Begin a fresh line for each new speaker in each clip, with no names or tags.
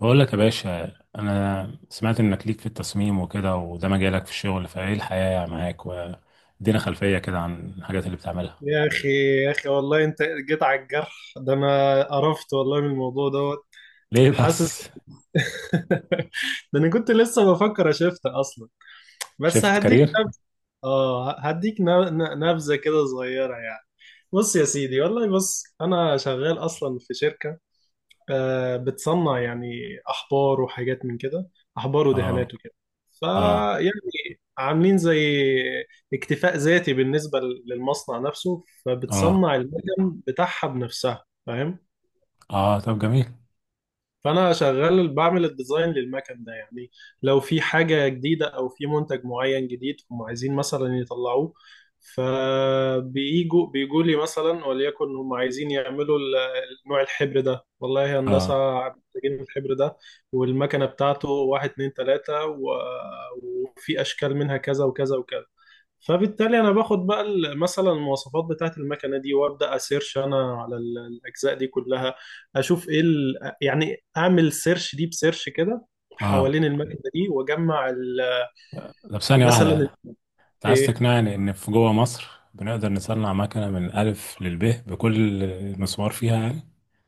بقول لك يا باشا، انا سمعت انك ليك في التصميم وكده، وده مجالك في الشغل، فايه الحياة معاك؟ وادينا خلفية كده عن الحاجات اللي بتعملها.
يا اخي يا اخي والله انت جيت على الجرح ده. انا قرفت والله من الموضوع دوت.
ليه
حاسس.
بس؟
ده انا كنت لسه بفكر اشفتها اصلا، بس
شفت
هديك
كارير؟
نبذه. اه، هديك نبذه كده صغيره يعني. بص يا سيدي والله، بص انا شغال اصلا في شركه، بتصنع يعني أحبار وحاجات من كده أحبار
اه،
ودهانات وكده.
اه،
فيعني عاملين زي اكتفاء ذاتي بالنسبة للمصنع نفسه،
اه،
فبتصنع المكن بتاعها بنفسها، فاهم؟
اه. طب جميل.
فانا شغال بعمل الديزاين للمكن ده يعني، لو في حاجه جديده او في منتج معين جديد هم عايزين مثلا يطلعوه، بيجوا لي مثلا. وليكن هم عايزين يعملوا نوع الحبر ده، والله يا هندسه
اه،
محتاجين الحبر ده والمكنه بتاعته، واحد اتنين تلاته وفي اشكال منها كذا وكذا وكذا. فبالتالي انا باخد بقى مثلا المواصفات بتاعه المكنه دي وابدا اسيرش انا على الاجزاء دي كلها، اشوف ايه يعني اعمل سيرش دي بسيرش كده
اه.
حوالين المكنه دي واجمع
طب ثانية
مثلا
واحدة. انت عايز
ايه.
تقنعني ان في جوه مصر بنقدر نصنع مكنة من الف للب بكل مسمار فيها؟ يعني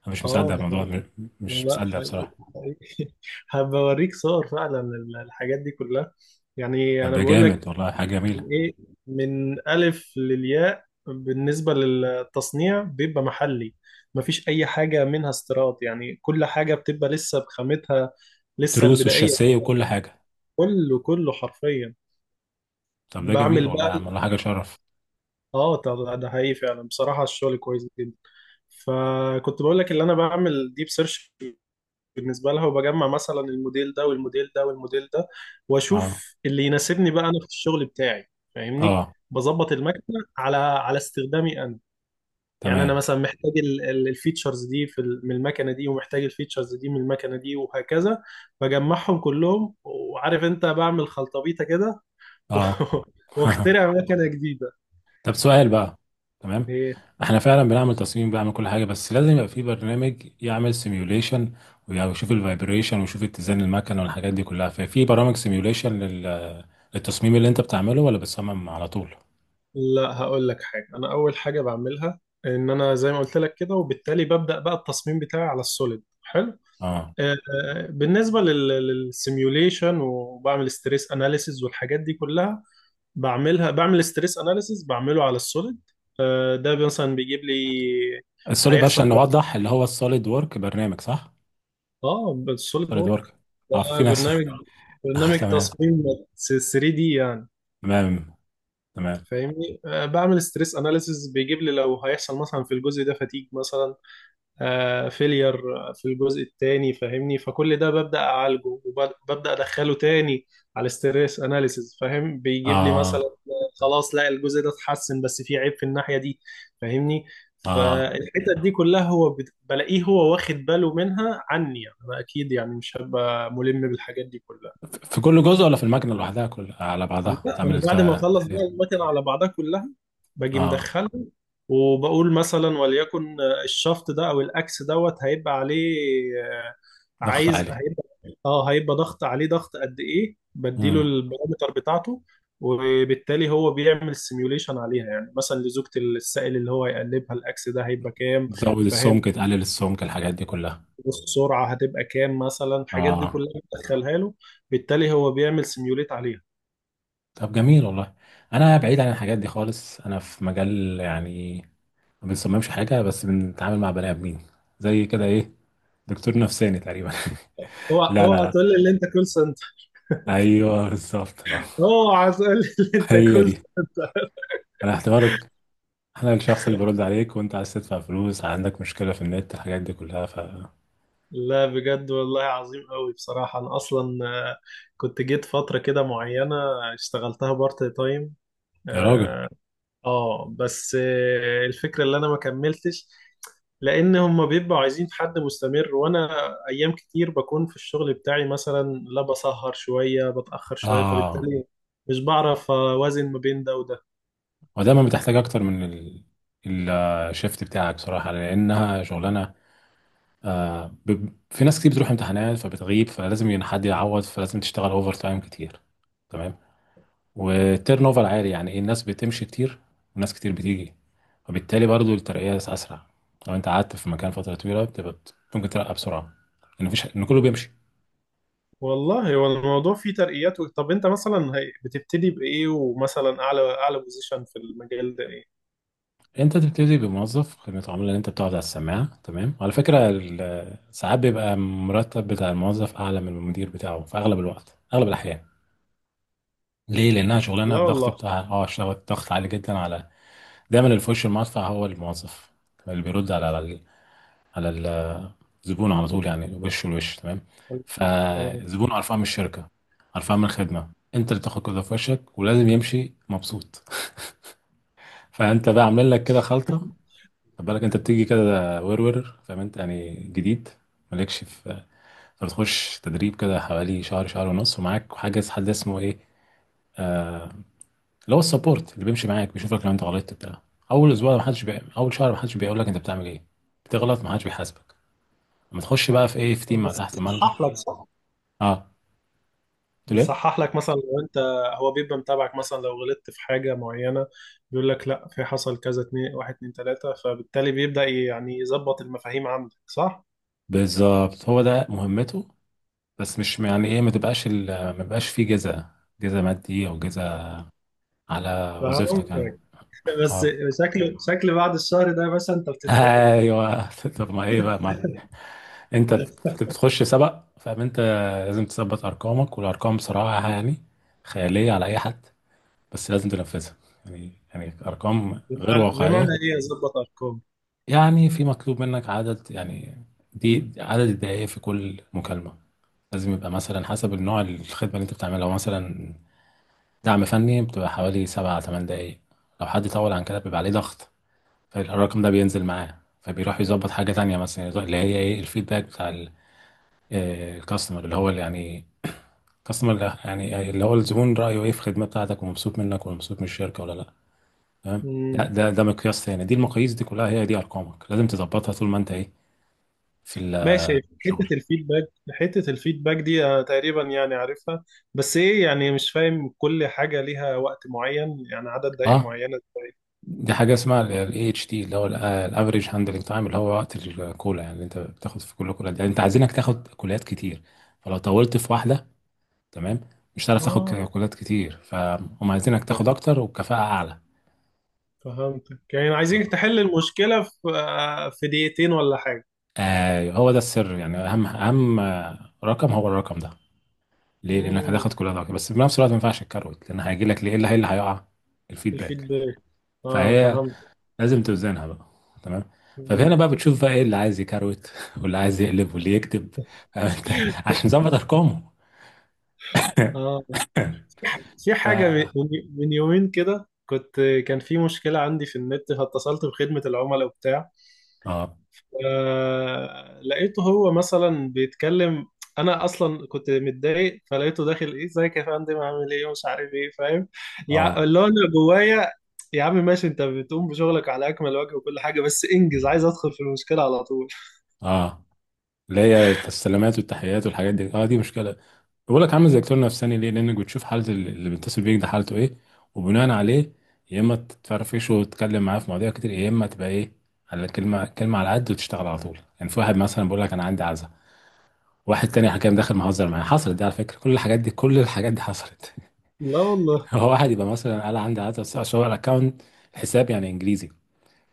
انا مش مصدق
اه ده
الموضوع،
حقيقي.
مش
لا
مصدق
حقيقي
بصراحة.
حقيقي، هبوريك صور فعلا الحاجات دي كلها. يعني
طب
انا
ده
بقول
جامد
لك،
والله، حاجة جميلة.
من ايه من الف للياء بالنسبه للتصنيع بيبقى محلي، مفيش اي حاجه منها استيراد يعني، كل حاجه بتبقى لسه بخامتها لسه
التروس
البدائيه.
والشاسية وكل حاجة؟
كله كله حرفيا.
طب ده جميل
بعمل
والله
بقى،
يا عم، والله حاجة شرف.
اه ده حقيقي فعلا بصراحه، الشغل كويس جدا. فكنت بقول لك، اللي انا بعمل ديب سيرش بالنسبه لها، وبجمع مثلا الموديل ده والموديل ده والموديل ده،
اه،
واشوف اللي يناسبني بقى انا في الشغل بتاعي، فاهمني؟
اه،
بظبط المكنه على على استخدامي انا، يعني انا
تمام.
مثلا محتاج الفيتشرز دي في من المكنه دي، ومحتاج الفيتشرز دي من المكنه دي، وهكذا. بجمعهم كلهم، وعارف انت بعمل خلطبيطه كده، و-
اه.
واخترع مكنه جديده.
طب سؤال بقى. تمام.
إيه؟
احنا فعلا بنعمل تصميم، بنعمل كل حاجة، بس لازم يبقى في برنامج يعمل سيميوليشن، ويشوف الفايبريشن ويشوف اتزان المكن والحاجات دي كلها، ففي برامج سيميوليشن للتصميم اللي انت بتعمله، ولا بتصمم على طول؟
لا هقول لك حاجه، انا اول حاجه بعملها ان انا زي ما قلت لك كده، وبالتالي ببدا بقى التصميم بتاعي على السوليد حلو.
اه،
آه، بالنسبه للسيميوليشن، وبعمل ستريس اناليسيز والحاجات دي كلها، بعملها بعمل ستريس اناليسيس بعمله على السوليد. ده مثلا بيجيب لي
السوليد بقى،
هيحصل
عشان
كذا.
نوضح، اللي هو السوليد وورك، برنامج صح؟
اه بالسوليد
سوليد
وورك،
وورك.
ده
اه، في ناس.
برنامج
اه،
برنامج
تمام.
تصميم 3 دي يعني،
تمام. تمام.
فاهمني؟ بعمل ستريس اناليسيس بيجيب لي لو هيحصل مثلا في الجزء ده فتيج مثلا، فيلير في الجزء الثاني، فاهمني؟ فكل ده ببدأ أعالجه وببدأ أدخله تاني على الستريس أناليسيز، فاهم؟ بيجيب لي مثلا
اه،
خلاص، لا الجزء ده اتحسن بس في عيب في الناحية دي، فاهمني؟
اه.
فالحتة دي كلها هو بلاقيه هو واخد باله منها عني، يعني أنا أكيد يعني مش هبقى ملم بالحاجات دي كلها.
في كل جزء، ولا في المكنة لوحدها كل على
لا
بعضها
يعني
تعمل
انا
الت-
بعد ما اخلص
التحليل
بقى المكنه على بعضها كلها، باجي
اه.
مدخله. وبقول مثلا وليكن الشفط ده او الاكس دوت هيبقى عليه، آه،
ضغط
عايز
عالي.
هيبقى، اه هيبقى ضغط عليه، ضغط قد ايه، بديله
امم
البارامتر بتاعته. وبالتالي هو بيعمل سيميوليشن عليها، يعني مثلا لزوجة السائل اللي هو يقلبها الاكس ده هيبقى كام،
تزود
فاهم؟
السمك، تقلل السمك، الحاجات دي كلها.
السرعة هتبقى كام مثلا، الحاجات دي
اه.
كلها بتدخلها له. بالتالي هو بيعمل سيميوليت عليها.
طب جميل والله. انا بعيد عن الحاجات دي خالص، انا في مجال يعني ما بنصممش حاجة، بس بنتعامل مع بني ادمين زي كده، ايه، دكتور نفساني تقريبا.
هو
لا،
هو
لا،
هتقول
لا.
لي اللي انت كول،
ايوه، بالظبط. آه.
اه عايز اقول اللي انت
هي دي.
اكلته ده.
انا اعتبرك انا الشخص اللي برد عليك وانت عايز تدفع فلوس، عندك مشكلة في النت، الحاجات دي كلها. ف...
لا بجد والله عظيم قوي بصراحة، انا اصلا آه، كنت جيت فترة كده معينة، اشتغلتها بارت تايم.
يا راجل.
اه، بس الفكرة اللي انا ما كملتش، لان هم بيبقوا عايزين في حد مستمر، وانا ايام كتير بكون في الشغل بتاعي مثلا، لا بسهر شوية، بتأخر شوية،
اه.
فبالتالي مش بعرف اوازن ما بين ده وده.
ودايما بتحتاج اكتر من ال- الشيفت بتاعك بصراحه، لانها شغلانه. في ناس كتير بتروح امتحانات فبتغيب، فلازم حد يعوض، فلازم تشتغل اوفر تايم كتير. تمام. والتيرن اوفر عالي، يعني ايه، الناس بتمشي كتير، وناس كتير بتيجي، وبالتالي برضو الترقيه اسرع. لو انت قعدت في مكان فتره طويله، بتبقى ممكن ترقى بسرعه، لان مفيش، ان كله بيمشي.
والله هو الموضوع فيه ترقيات، طب انت مثلا هي- بتبتدي بايه، ومثلا اعلى اعلى بوزيشن في المجال ده ايه؟
انت تبتدي بموظف خدمة عملاء، اللي انت بتقعد على السماعة، تمام؟ على فكرة، ساعات بيبقى المرتب بتاع الموظف اعلى من المدير بتاعه، في اغلب الوقت، اغلب الاحيان. ليه؟ لانها شغلانه
لا
الضغط
والله.
بتاعها، اه، شغل الضغط عالي جدا، على... دايما اللي في وش المدفع هو الموظف، اللي بيرد على على الزبون على طول، يعني وش لوش. تمام.
آه.
فالزبون قرفان من الشركة، قرفان من الخدمة، انت اللي تاخد كده في وشك، ولازم يمشي مبسوط. فانت بقى عامل لك كده خلطة. خد بالك، انت بتيجي كده ورور، فاهم انت، يعني جديد مالكش في... بتخش تدريب كده حوالي شهر، شهر ونص، ومعاك حاجه، حد اسمه ايه، اللي هو السبورت، اللي بيمشي معاك بيشوفك لو انت غلطت بتاع اول اسبوع ما حدش اول شهر ما حدش بيقول لك انت بتعمل ايه، بتغلط ما حدش بيحاسبك. لما تخش بقى في ايه، في تيم
طب
مع
بس
تحت مانجر.
بيصحح لك صح،
اه. قلت له ايه؟
بيصحح لك مثلا لو انت، هو بيبقى متابعك مثلا لو غلطت في حاجه معينه، بيقول لك لا في حصل كذا اتنين، واحد اتنين تلاته، فبالتالي بيبدا يعني يظبط المفاهيم عندك صح.
بالظبط، هو ده مهمته. بس مش يعني ايه ما تبقاش ما يبقاش فيه جزاء، جزاء مادي او جزاء على وظيفتك يعني.
فهمتك، بس
اه،
شكل بعد الشهر ده يا باشا انت بتتفحت.
ايوه. طب ما ايه بقى. انت بتخش سبق، فانت لازم تثبت ارقامك، والارقام بصراحه يعني خياليه على اي حد، بس لازم تنفذها. يعني ارقام غير
بمعنى
واقعيه.
ايه يظبط ارقام؟
يعني في مطلوب منك عدد، يعني دي عدد الدقائق في كل مكالمه، لازم يبقى مثلا حسب النوع الخدمه اللي انت بتعملها. لو مثلا دعم فني بتبقى حوالي 7 8 دقائق، لو حد طول عن كده بيبقى عليه ضغط، فالرقم ده بينزل معاه، فبيروح يظبط حاجه تانية مثلا، اللي هي ايه، الفيدباك بتاع الكاستمر، اللي هو اللي يعني اصلا، لا يعني اللي هو الزبون رايه ايه في الخدمه بتاعتك، ومبسوط منك ولا مبسوط من الشركه، ولا لا. تمام. ده مقياس تاني، دي المقاييس دي كلها هي دي ارقامك لازم تظبطها طول ما انت ايه، في
ماشي، حتة
الشغل.
الفيدباك حتة الفيدباك دي تقريبا يعني عارفها، بس ايه يعني مش فاهم، كل حاجة ليها وقت معين يعني عدد دقائق
اه.
معينة ازاي؟
دي حاجه اسمها الـAHT، اللي هو الافريج هاندلنج تايم، اللي هو وقت الكولا، يعني اللي انت بتاخد في كل كولا، يعني انت عايزينك تاخد كولات كتير. فلو طولت في واحده، تمام، مش هتعرف تاخد
اه،
كولات كتير، فهم عايزينك
طيب،
تاخد اكتر وبكفاءه اعلى.
فهمتك، يعني عايزين تحل المشكلة في في دقيقتين ولا حاجة؟
آه، هو ده السر، يعني اهم رقم هو الرقم ده. ليه؟ لانك
امم
هتاخد كل ده، بس في نفس الوقت ما ينفعش الكروت، لان هيجي لك، ليه، إيه اللي هيقع؟ الفيدباك.
الفيدباك، اه
فهي
فهمت.
لازم توزنها بقى. تمام. فهنا
مم.
بقى بتشوف بقى ايه اللي عايز يكروت، واللي عايز يقلب، واللي يكتب، فاهم انت، عشان ظبط ارقامه.
اه، في
ف...
حاجة من يومين كده، كنت، كان في مشكلة عندي في النت، فاتصلت بخدمة العملاء وبتاع،
اه،
لقيته هو مثلا بيتكلم، انا اصلا كنت متضايق، فلقيته داخل ايه، ازيك يا فندم، عامل ايه، ومش عارف ايه، فاهم؟
اه،
اللي هو انا جوايا يا عم ماشي، انت بتقوم بشغلك على اكمل وجه وكل حاجه، بس انجز، عايز ادخل في المشكله على طول.
اه، اللي هي السلامات والتحيات والحاجات دي، اه، دي مشكله. بقول لك عامل زي دكتور نفساني، ليه؟ لانك بتشوف حاله اللي بيتصل بيك ده، حالته ايه، وبناء عليه يا اما تتفرفشه وتتكلم معاه في مواضيع كتير، يا اما تبقى ايه، على كلمه كلمه، على قد، وتشتغل على طول يعني. في واحد مثلا بيقول لك انا عندي عزا، واحد تاني حكام داخل مهزر معايا، حصلت دي على فكره، كل الحاجات دي حصلت.
لا والله.
هو واحد يبقى مثلا قال عندي عزا، بس هو الاكونت، حساب يعني انجليزي،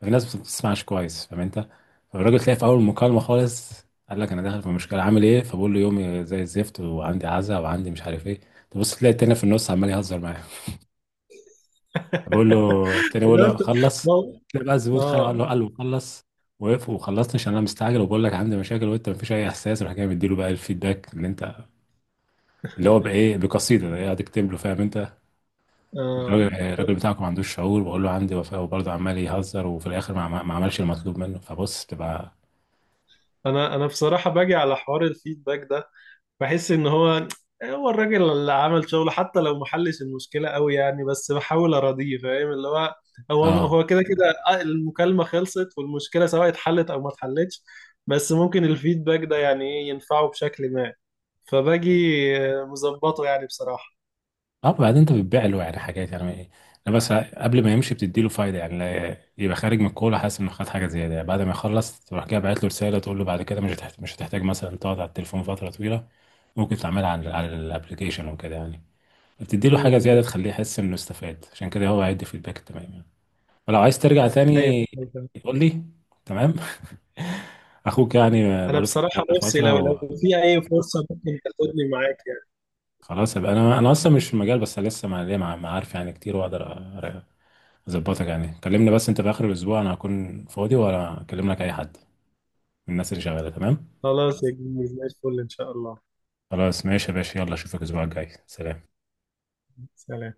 في ناس ما بتسمعش كويس، فاهم انت. فالراجل تلاقي في اول المكالمه خالص قال لك انا داخل في مشكله عامل ايه، فبقول له يومي زي الزفت، وعندي عزا، وعندي مش عارف ايه. تبص تلاقي التاني في النص عمال يهزر معاه، بقول له، التاني بقول
لا
له
انت
خلص.
ما-
تلاقي بقى الزبون خانه قال
اه،
له قال له خلص، وقف، وخلصت عشان انا مستعجل وبقول لك عندي مشاكل وانت مفيش اي احساس، راح جاي مديله بقى الفيدباك اللي انت، اللي هو بايه بقصيده، ده قاعد يكتب له، فاهم انت.
اه
الراجل بتاعكم ما عندوش شعور، بقول له عندي وفاء وبرضه عمال يهزر، وفي الاخر ما عملش المطلوب منه، فبص بتبقى...
انا بصراحه باجي على حوار الفيدباك ده، بحس ان هو، هو الراجل اللي عمل شغله حتى لو ما حلش المشكله قوي يعني، بس بحاول اراضيه، فاهم اللي هو، هو
اه.
هو كده كده، المكالمه خلصت، والمشكله سواء اتحلت او ما اتحلتش، بس ممكن الفيدباك ده يعني ايه ينفعه بشكل ما. فباجي مظبطه يعني بصراحه.
اه. بعدين انت بتبيع له يعني حاجات، يعني ايه؟ انا بس قبل ما يمشي بتدي له فايده، يعني يبقى خارج من الكوره حاسس انه خد حاجه زياده يعني. بعد ما يخلص تروح كده باعت له رساله، تقول له بعد كده مش هتحتاج مثلا تقعد على التليفون فتره طويله، ممكن تعملها على الابلكيشن وكده يعني. بتدي له حاجه
امم
زياده
ده-
تخليه يحس انه استفاد، عشان كده هو هيدي فيدباك تمام يعني. ولو عايز ترجع
ايوه
تاني
أيوة.
قول لي. تمام. اخوك يعني
انا
بقاله في
بصراحه
المجال ده
نفسي لو
فتره.
لو في اي فرصه ممكن تاخدني معاك يعني.
وخلاص يبقى انا اصلا مش في المجال، بس لسه ما ليا معارف يعني كتير واقدر ظبطك يعني، كلمني بس انت في اخر الاسبوع انا هكون فاضي، ولا اكلم لك اي حد من الناس اللي شغاله. تمام.
خلاص يا جميل، زي الفل ان شاء الله.
خلاص ماشي يا باشا، يلا اشوفك الاسبوع الجاي. سلام.
سلام.